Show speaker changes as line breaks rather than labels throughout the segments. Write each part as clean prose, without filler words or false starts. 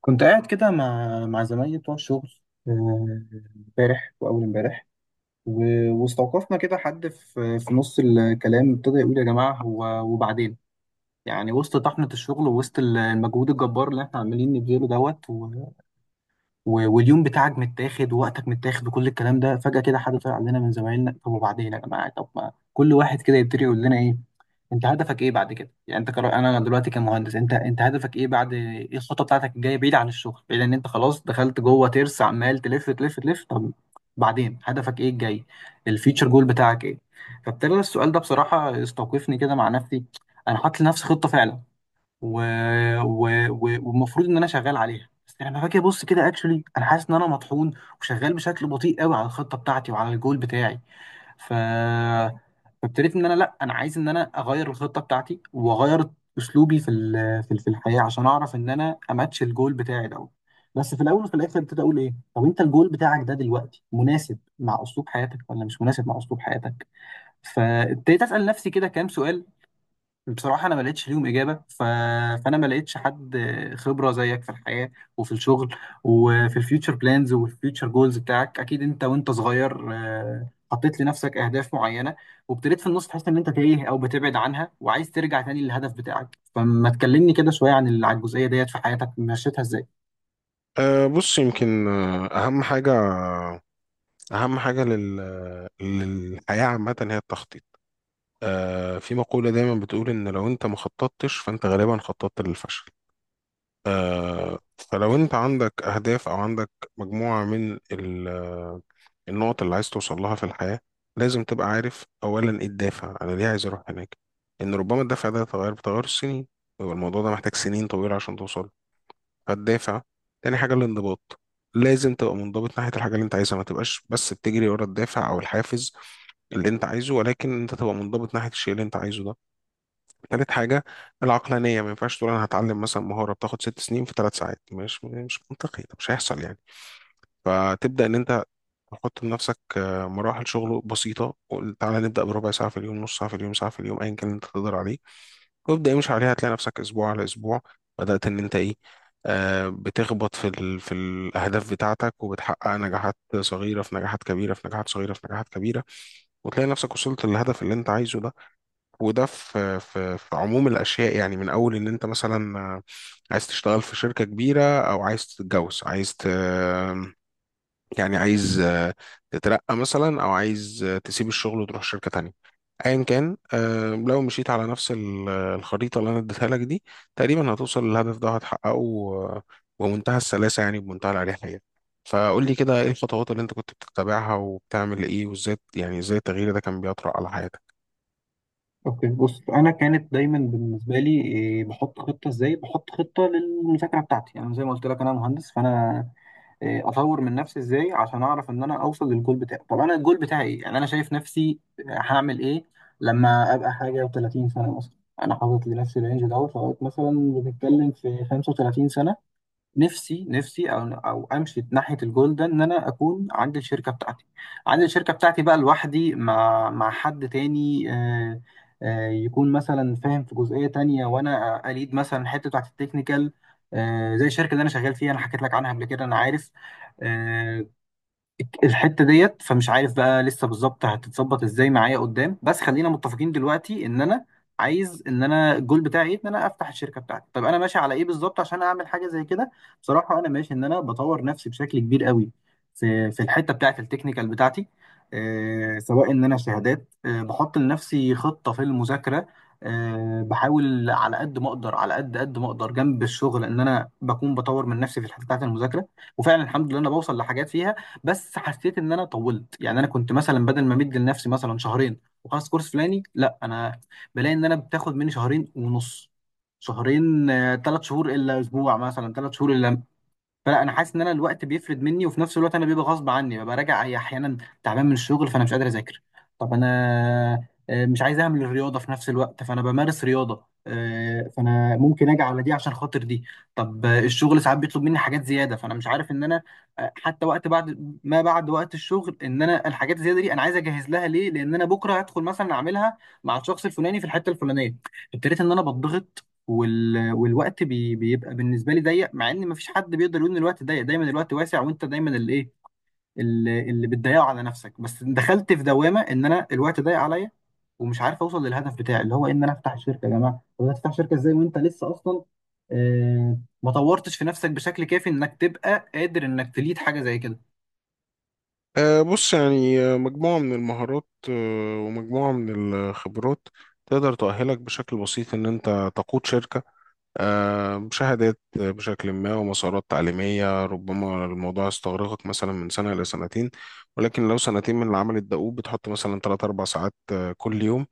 كنت قاعد كده مع زمايلي بتوع الشغل، آه، امبارح واول امبارح. و- واستوقفنا كده حد في نص الكلام، ابتدى يقول: يا جماعه، هو وبعدين يعني وسط طحنه الشغل ووسط المجهود الجبار اللي احنا عمالين نبذله دوت و... و... واليوم بتاعك متاخد ووقتك متاخد وكل الكلام ده، فجاه كده حد طلع علينا من زمايلنا: طب وبعدين يا جماعه، طب ما كل واحد كده يبتدي يقول لنا ايه انت هدفك ايه بعد كده؟ يعني انا دلوقتي كمهندس، انت هدفك ايه بعد، ايه الخطه بتاعتك الجايه بعيد عن الشغل، بعيد ان انت خلاص دخلت جوه ترس عمال تلف تلف تلف؟ طب بعدين هدفك ايه الجاي؟ الفيتشر جول بتاعك ايه؟ فابتدى السؤال ده بصراحه استوقفني كده مع نفسي. انا حاطط لنفسي خطه فعلا و... و... و... والمفروض ان انا شغال عليها، بس لما باجي ابص كده اكشولي انا حاسس ان انا مطحون وشغال بشكل بطيء قوي على الخطه بتاعتي وعلى الجول بتاعي. ف فابتديت ان انا لا، انا عايز ان انا اغير الخطه بتاعتي واغير اسلوبي في الحياه عشان اعرف ان انا اماتش الجول بتاعي دوت. بس في الاول وفي الاخر ابتدي اقول ايه، طب انت الجول بتاعك ده دلوقتي مناسب مع اسلوب حياتك ولا مش مناسب مع اسلوب حياتك؟ فابتديت اسال نفسي كده كام سؤال. بصراحة أنا ما لقيتش ليهم إجابة. ف... فأنا ما لقيتش حد خبرة زيك في الحياة وفي الشغل وفي الفيوتشر بلانز والفيوتشر جولز بتاعك. أكيد أنت وأنت صغير، حطيت لنفسك أهداف معينة وابتديت في النص تحس إن أنت تايه أو بتبعد عنها وعايز ترجع تاني للهدف بتاعك، فما تكلمني كده شوية عن عن الجزئية ديت في حياتك مشيتها إزاي؟
بص، يمكن، أهم حاجة للحياة عامة هي التخطيط. في مقولة دايما بتقول إن لو أنت ما خططتش، فأنت غالبا خططت للفشل. فلو أنت عندك أهداف أو عندك مجموعة من ال... آه، النقط اللي عايز توصل لها في الحياة، لازم تبقى عارف أولا إيه الدافع، أنا ليه عايز أروح هناك؟ إن ربما الدافع ده يتغير بتغير السنين، ويبقى الموضوع ده محتاج سنين طويلة عشان توصل. فالدافع، تاني حاجة الانضباط. لازم تبقى منضبط ناحية الحاجة اللي انت عايزها، ما تبقاش بس بتجري ورا الدافع او الحافز اللي انت عايزه، ولكن انت تبقى منضبط ناحية الشيء اللي انت عايزه ده. تالت حاجة العقلانية، ما ينفعش تقول انا هتعلم مثلا مهارة بتاخد 6 سنين في 3 ساعات، مش منطقي، ده مش هيحصل يعني. فتبدأ ان انت تحط لنفسك، مراحل شغل بسيطة، وقول تعالى نبدأ بربع ساعة في اليوم، نص ساعة في اليوم، ساعة في اليوم، أيا كان اللي أنت تقدر عليه. وابدأ امشي عليها، هتلاقي نفسك اسبوع على اسبوع بدأت ان انت ايه، بتخبط في الاهداف بتاعتك، وبتحقق نجاحات صغيره في نجاحات كبيره، في نجاحات صغيره في نجاحات كبيره، وتلاقي نفسك وصلت للهدف اللي انت عايزه ده. وده في عموم الاشياء يعني، من اول ان انت مثلا، عايز تشتغل في شركه كبيره، او عايز تتجوز، يعني عايز، تترقى مثلا، او عايز تسيب الشغل وتروح شركة تانية. ايا كان، لو مشيت على نفس الخريطة اللي انا اديتها لك دي، تقريبا هتوصل للهدف ده، هتحققه، ومنتهى السلاسة يعني، بمنتهى الأريحية. فقول لي كده، ايه الخطوات اللي انت كنت بتتبعها، وبتعمل ايه، وازاي يعني، ازاي التغيير ده كان بيطرأ على حياتك؟
اوكي، بص، انا كانت دايما بالنسبه لي إيه، بحط خطه. ازاي بحط خطه للمذاكره بتاعتي؟ يعني زي ما قلت لك انا مهندس، فانا اطور من نفسي. ازاي عشان اعرف ان انا اوصل للجول بتاعي؟ طب انا الجول بتاعي ايه؟ يعني انا شايف نفسي هعمل ايه لما ابقى حاجه و30 سنه مثلا؟ انا حاطط لنفسي الرينج دوت لغايه مثلا بنتكلم في 35 سنه. نفسي، او امشي ناحيه الجول ده ان انا اكون عندي الشركه بتاعتي. عندي الشركه بتاعتي بقى لوحدي مع حد تاني، يكون مثلا فاهم في جزئيه تانية، وانا اليد مثلا الحته بتاعت التكنيكال، زي الشركه اللي انا شغال فيها. انا حكيت لك عنها قبل كده، انا عارف آه، الحته ديت. فمش عارف بقى لسه بالظبط هتتظبط ازاي معايا قدام، بس خلينا متفقين دلوقتي ان انا عايز ان انا الجول بتاعي ايه، ان انا افتح الشركه بتاعتي. طب انا ماشي على ايه بالظبط عشان اعمل حاجه زي كده؟ بصراحه انا ماشي ان انا بطور نفسي بشكل كبير قوي في الحته بتاعت التكنيكال بتاعتي، آه، سواء ان انا شهادات، آه بحط لنفسي خطه في المذاكره، آه بحاول على قد ما اقدر، على قد ما اقدر جنب الشغل ان انا بكون بطور من نفسي في الحته بتاعت المذاكره. وفعلا الحمد لله انا بوصل لحاجات فيها، بس حسيت ان انا طولت. يعني انا كنت مثلا بدل ما مدي لنفسي مثلا شهرين وخلاص كورس فلاني، لا انا بلاقي ان انا بتاخد مني شهرين ونص، شهرين، ثلاث شهور الا اسبوع مثلا، ثلاث شهور الا. فلا انا حاسس ان انا الوقت بيفرد مني، وفي نفس الوقت انا بيبقى غصب عني ببقى راجع احيانا تعبان من الشغل، فانا مش قادر اذاكر. طب انا مش عايز اعمل الرياضه في نفس الوقت، فانا بمارس رياضه، فانا ممكن اجي على دي عشان خاطر دي. طب الشغل ساعات بيطلب مني حاجات زياده، فانا مش عارف ان انا حتى وقت بعد ما، بعد وقت الشغل، ان انا الحاجات الزياده دي انا عايز اجهز لها ليه؟ لان انا بكره هدخل مثلا اعملها مع الشخص الفلاني في الحته الفلانيه. ابتديت ان انا بضغط، وال... والوقت بيبقى بالنسبه لي ضيق، مع ان مفيش حد بيقدر يقول ان الوقت ضيق. دايما الوقت واسع، وانت دايما اللي ايه، اللي بتضيعه على نفسك. بس دخلت في دوامه ان انا الوقت ضيق عليا ومش عارف اوصل للهدف بتاعي، اللي هو ان انا افتح شركه. يا جماعه، طب هتفتح شركه ازاي وانت لسه اصلا آه ما طورتش في نفسك بشكل كافي انك تبقى قادر انك تليد حاجه زي كده؟
بص يعني، مجموعة من المهارات، ومجموعة من الخبرات تقدر تؤهلك بشكل بسيط ان انت تقود شركة. مشاهدات بشكل ما، ومسارات تعليمية، ربما الموضوع يستغرقك مثلا من سنة إلى سنتين. ولكن لو سنتين من العمل الدؤوب، بتحط مثلا 3 أربع ساعات، كل يوم.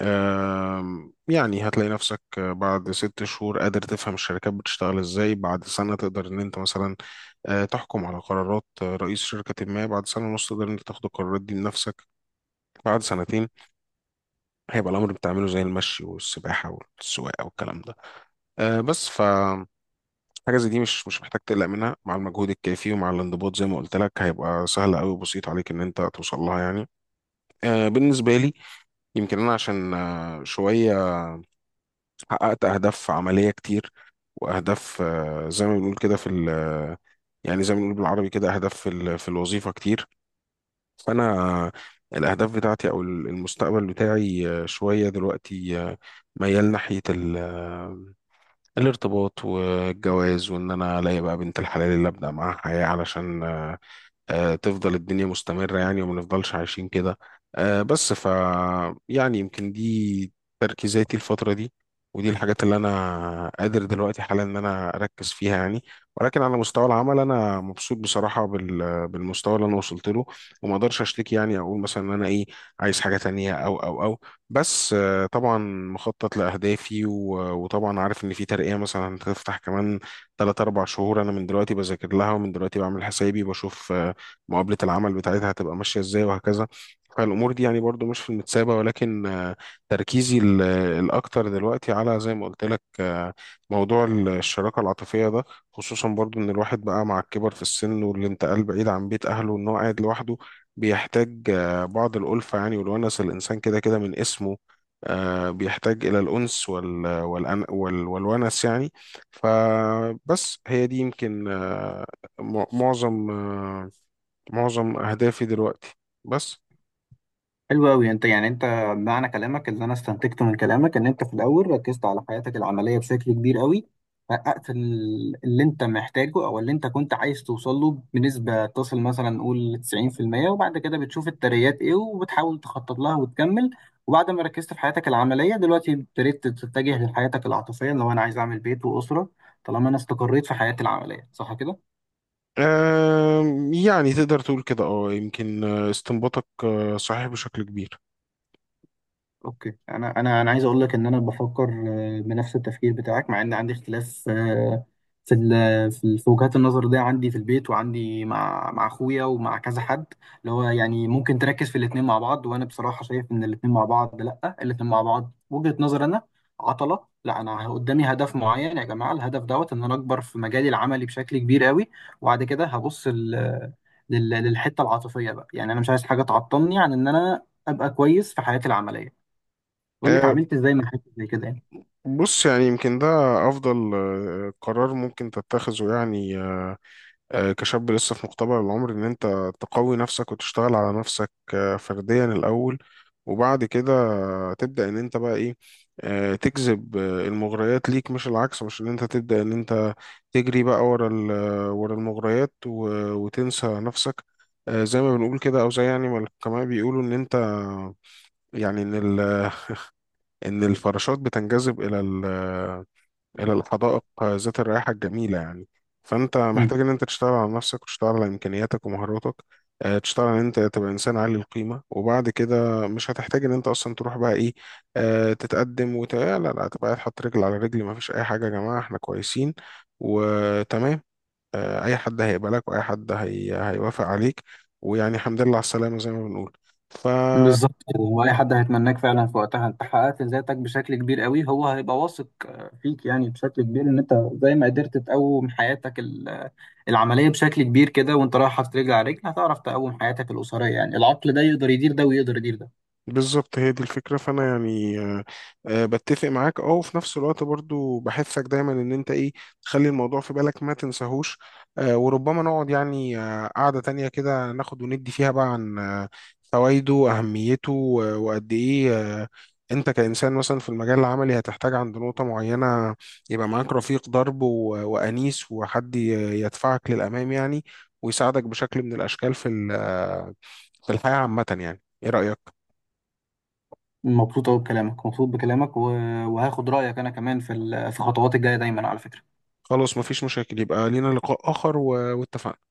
يعني هتلاقي نفسك بعد 6 شهور قادر تفهم الشركات بتشتغل إزاي، بعد سنة تقدر إن أنت مثلا تحكم على قرارات رئيس شركة ما، بعد سنة ونص تقدر إن أنت تاخد القرارات دي بنفسك، بعد سنتين هيبقى الأمر بتعمله زي المشي والسباحة والسواقة والكلام ده. بس حاجة زي دي، مش محتاج تقلق منها، مع المجهود الكافي ومع الانضباط زي ما قلت لك، هيبقى سهل قوي وبسيط عليك ان انت توصل لها يعني. بالنسبة لي، يمكن انا عشان شوية حققت اهداف عملية كتير، واهداف زي ما بنقول كده في يعني، زي ما بنقول بالعربي كده، اهداف في الوظيفة كتير. فانا الاهداف بتاعتي او المستقبل بتاعي، شوية دلوقتي، ميال ناحية الارتباط والجواز، وان انا الاقي بقى بنت الحلال اللي ابدا معاها حياه علشان، تفضل الدنيا مستمرة يعني، وما نفضلش عايشين كده. بس يعني يمكن دي تركيزاتي الفترة دي، ودي الحاجات اللي أنا قادر دلوقتي حالا إن أنا أركز فيها يعني. ولكن على مستوى العمل، أنا مبسوط بصراحة بالمستوى اللي أنا وصلت له، وما أقدرش أشتكي يعني، أقول مثلا إن أنا إيه، عايز حاجة تانية أو. بس، طبعا مخطط لأهدافي وطبعا عارف إن في ترقية مثلا هتفتح كمان تلات أربع شهور، أنا من دلوقتي بذاكر لها، ومن دلوقتي بعمل حسابي، بشوف مقابلة العمل بتاعتها هتبقى ماشية ازاي وهكذا. فالأمور دي يعني برضو مش في المتسابة، ولكن، تركيزي الأكتر دلوقتي على زي ما قلت لك، موضوع الشراكة العاطفية ده، خصوصا برضو إن الواحد بقى مع الكبر في السن والانتقال بعيد عن بيت أهله، وإن هو قاعد لوحده، بيحتاج بعض الألفة يعني، والونس، الإنسان كده كده من اسمه، بيحتاج إلى الأنس وال والأن وال والونس يعني. فبس هي دي يمكن، مع- معظم آه، معظم أهدافي دلوقتي. بس.
حلو أوي. أنت يعني، أنت معنى كلامك، اللي أنا استنتجته من كلامك، إن أنت في الأول ركزت على حياتك العملية بشكل كبير أوي، حققت اللي أنت محتاجه أو اللي أنت كنت عايز توصل له بنسبة تصل مثلا نقول 90%، وبعد كده بتشوف الترقيات إيه وبتحاول تخطط لها وتكمل. وبعد ما ركزت في حياتك العملية دلوقتي ابتديت تتجه لحياتك العاطفية، لو أنا عايز أعمل بيت وأسرة طالما أنا استقريت في حياتي العملية. صح كده؟
يعني تقدر تقول كده، اه، يمكن، استنباطك صحيح بشكل كبير.
اوكي، انا عايز اقول لك ان انا بفكر بنفس التفكير بتاعك، مع ان عندي اختلاف، في وجهات النظر دي، عندي في البيت وعندي مع اخويا ومع كذا حد، اللي هو يعني ممكن تركز في الاثنين مع بعض. وانا بصراحه شايف ان الاثنين مع بعض لا، الاثنين مع بعض وجهه نظر انا عطله. لا، انا قدامي هدف معين يا جماعه، الهدف دوت ان انا اكبر في مجالي العملي بشكل كبير قوي، وبعد كده هبص للحته العاطفيه بقى. يعني انا مش عايز حاجه تعطلني عن ان انا ابقى كويس في حياتي العمليه. بقول لك
آه،
عملت ازاي من حاجه زي كده يعني.
بص يعني، يمكن ده أفضل قرار ممكن تتخذه يعني، كشاب لسه في مقتبل العمر، ان انت تقوي نفسك وتشتغل على نفسك فرديا الاول. وبعد كده تبدأ ان انت بقى ايه، تجذب المغريات ليك، مش العكس، مش ان انت تبدأ ان انت تجري بقى ورا المغريات، وتنسى نفسك. زي ما بنقول كده، او زي يعني ما الحكماء بيقولوا ان انت يعني، ان الفراشات بتنجذب إلى الحدائق ذات الرائحة الجميلة يعني. فأنت
امم.
محتاج إن أنت تشتغل على نفسك، وتشتغل على إمكانياتك ومهاراتك، تشتغل إن أنت تبقى إنسان عالي القيمة، وبعد كده مش هتحتاج إن أنت أصلا تروح بقى إيه، تتقدم لا لا، تبقى قاعد حاطط رجل على رجل، مفيش أي حاجة يا جماعة، إحنا كويسين وتمام. أي حد هيقبلك، وأي حد هيوافق عليك، ويعني الحمد لله على السلامة زي ما بنقول. ف
بالظبط كده، هو اي حد هيتمناك فعلا في وقتها. انت حققت ذاتك بشكل كبير قوي، هو هيبقى واثق فيك يعني بشكل كبير ان انت زي ما قدرت تقوم حياتك العمليه بشكل كبير كده، وانت رايح حاطط رجل على رجل هتعرف تقوم حياتك الاسريه. يعني العقل ده يقدر يدير ده ويقدر يدير ده.
بالظبط هي دي الفكرة، فأنا يعني، بتفق معاك، اه، وفي نفس الوقت برضو بحثك دايما إن أنت إيه، تخلي الموضوع في بالك، ما تنساهوش. وربما نقعد يعني قعدة تانية كده، ناخد وندي فيها بقى عن فوائده وأهميته، وقد إيه، آه، أنت كإنسان مثلا في المجال العملي، هتحتاج عند نقطة معينة يبقى معاك رفيق درب، وأنيس، وحد يدفعك للأمام يعني، ويساعدك بشكل من الأشكال في في الحياة عامة يعني، إيه رأيك؟
مبسوط قوي بكلامك، مبسوط بكلامك وهاخد رايك انا كمان في الخطوات الجايه دايما على فكره.
خلاص مفيش مشاكل، يبقى لينا لقاء آخر، واتفقنا.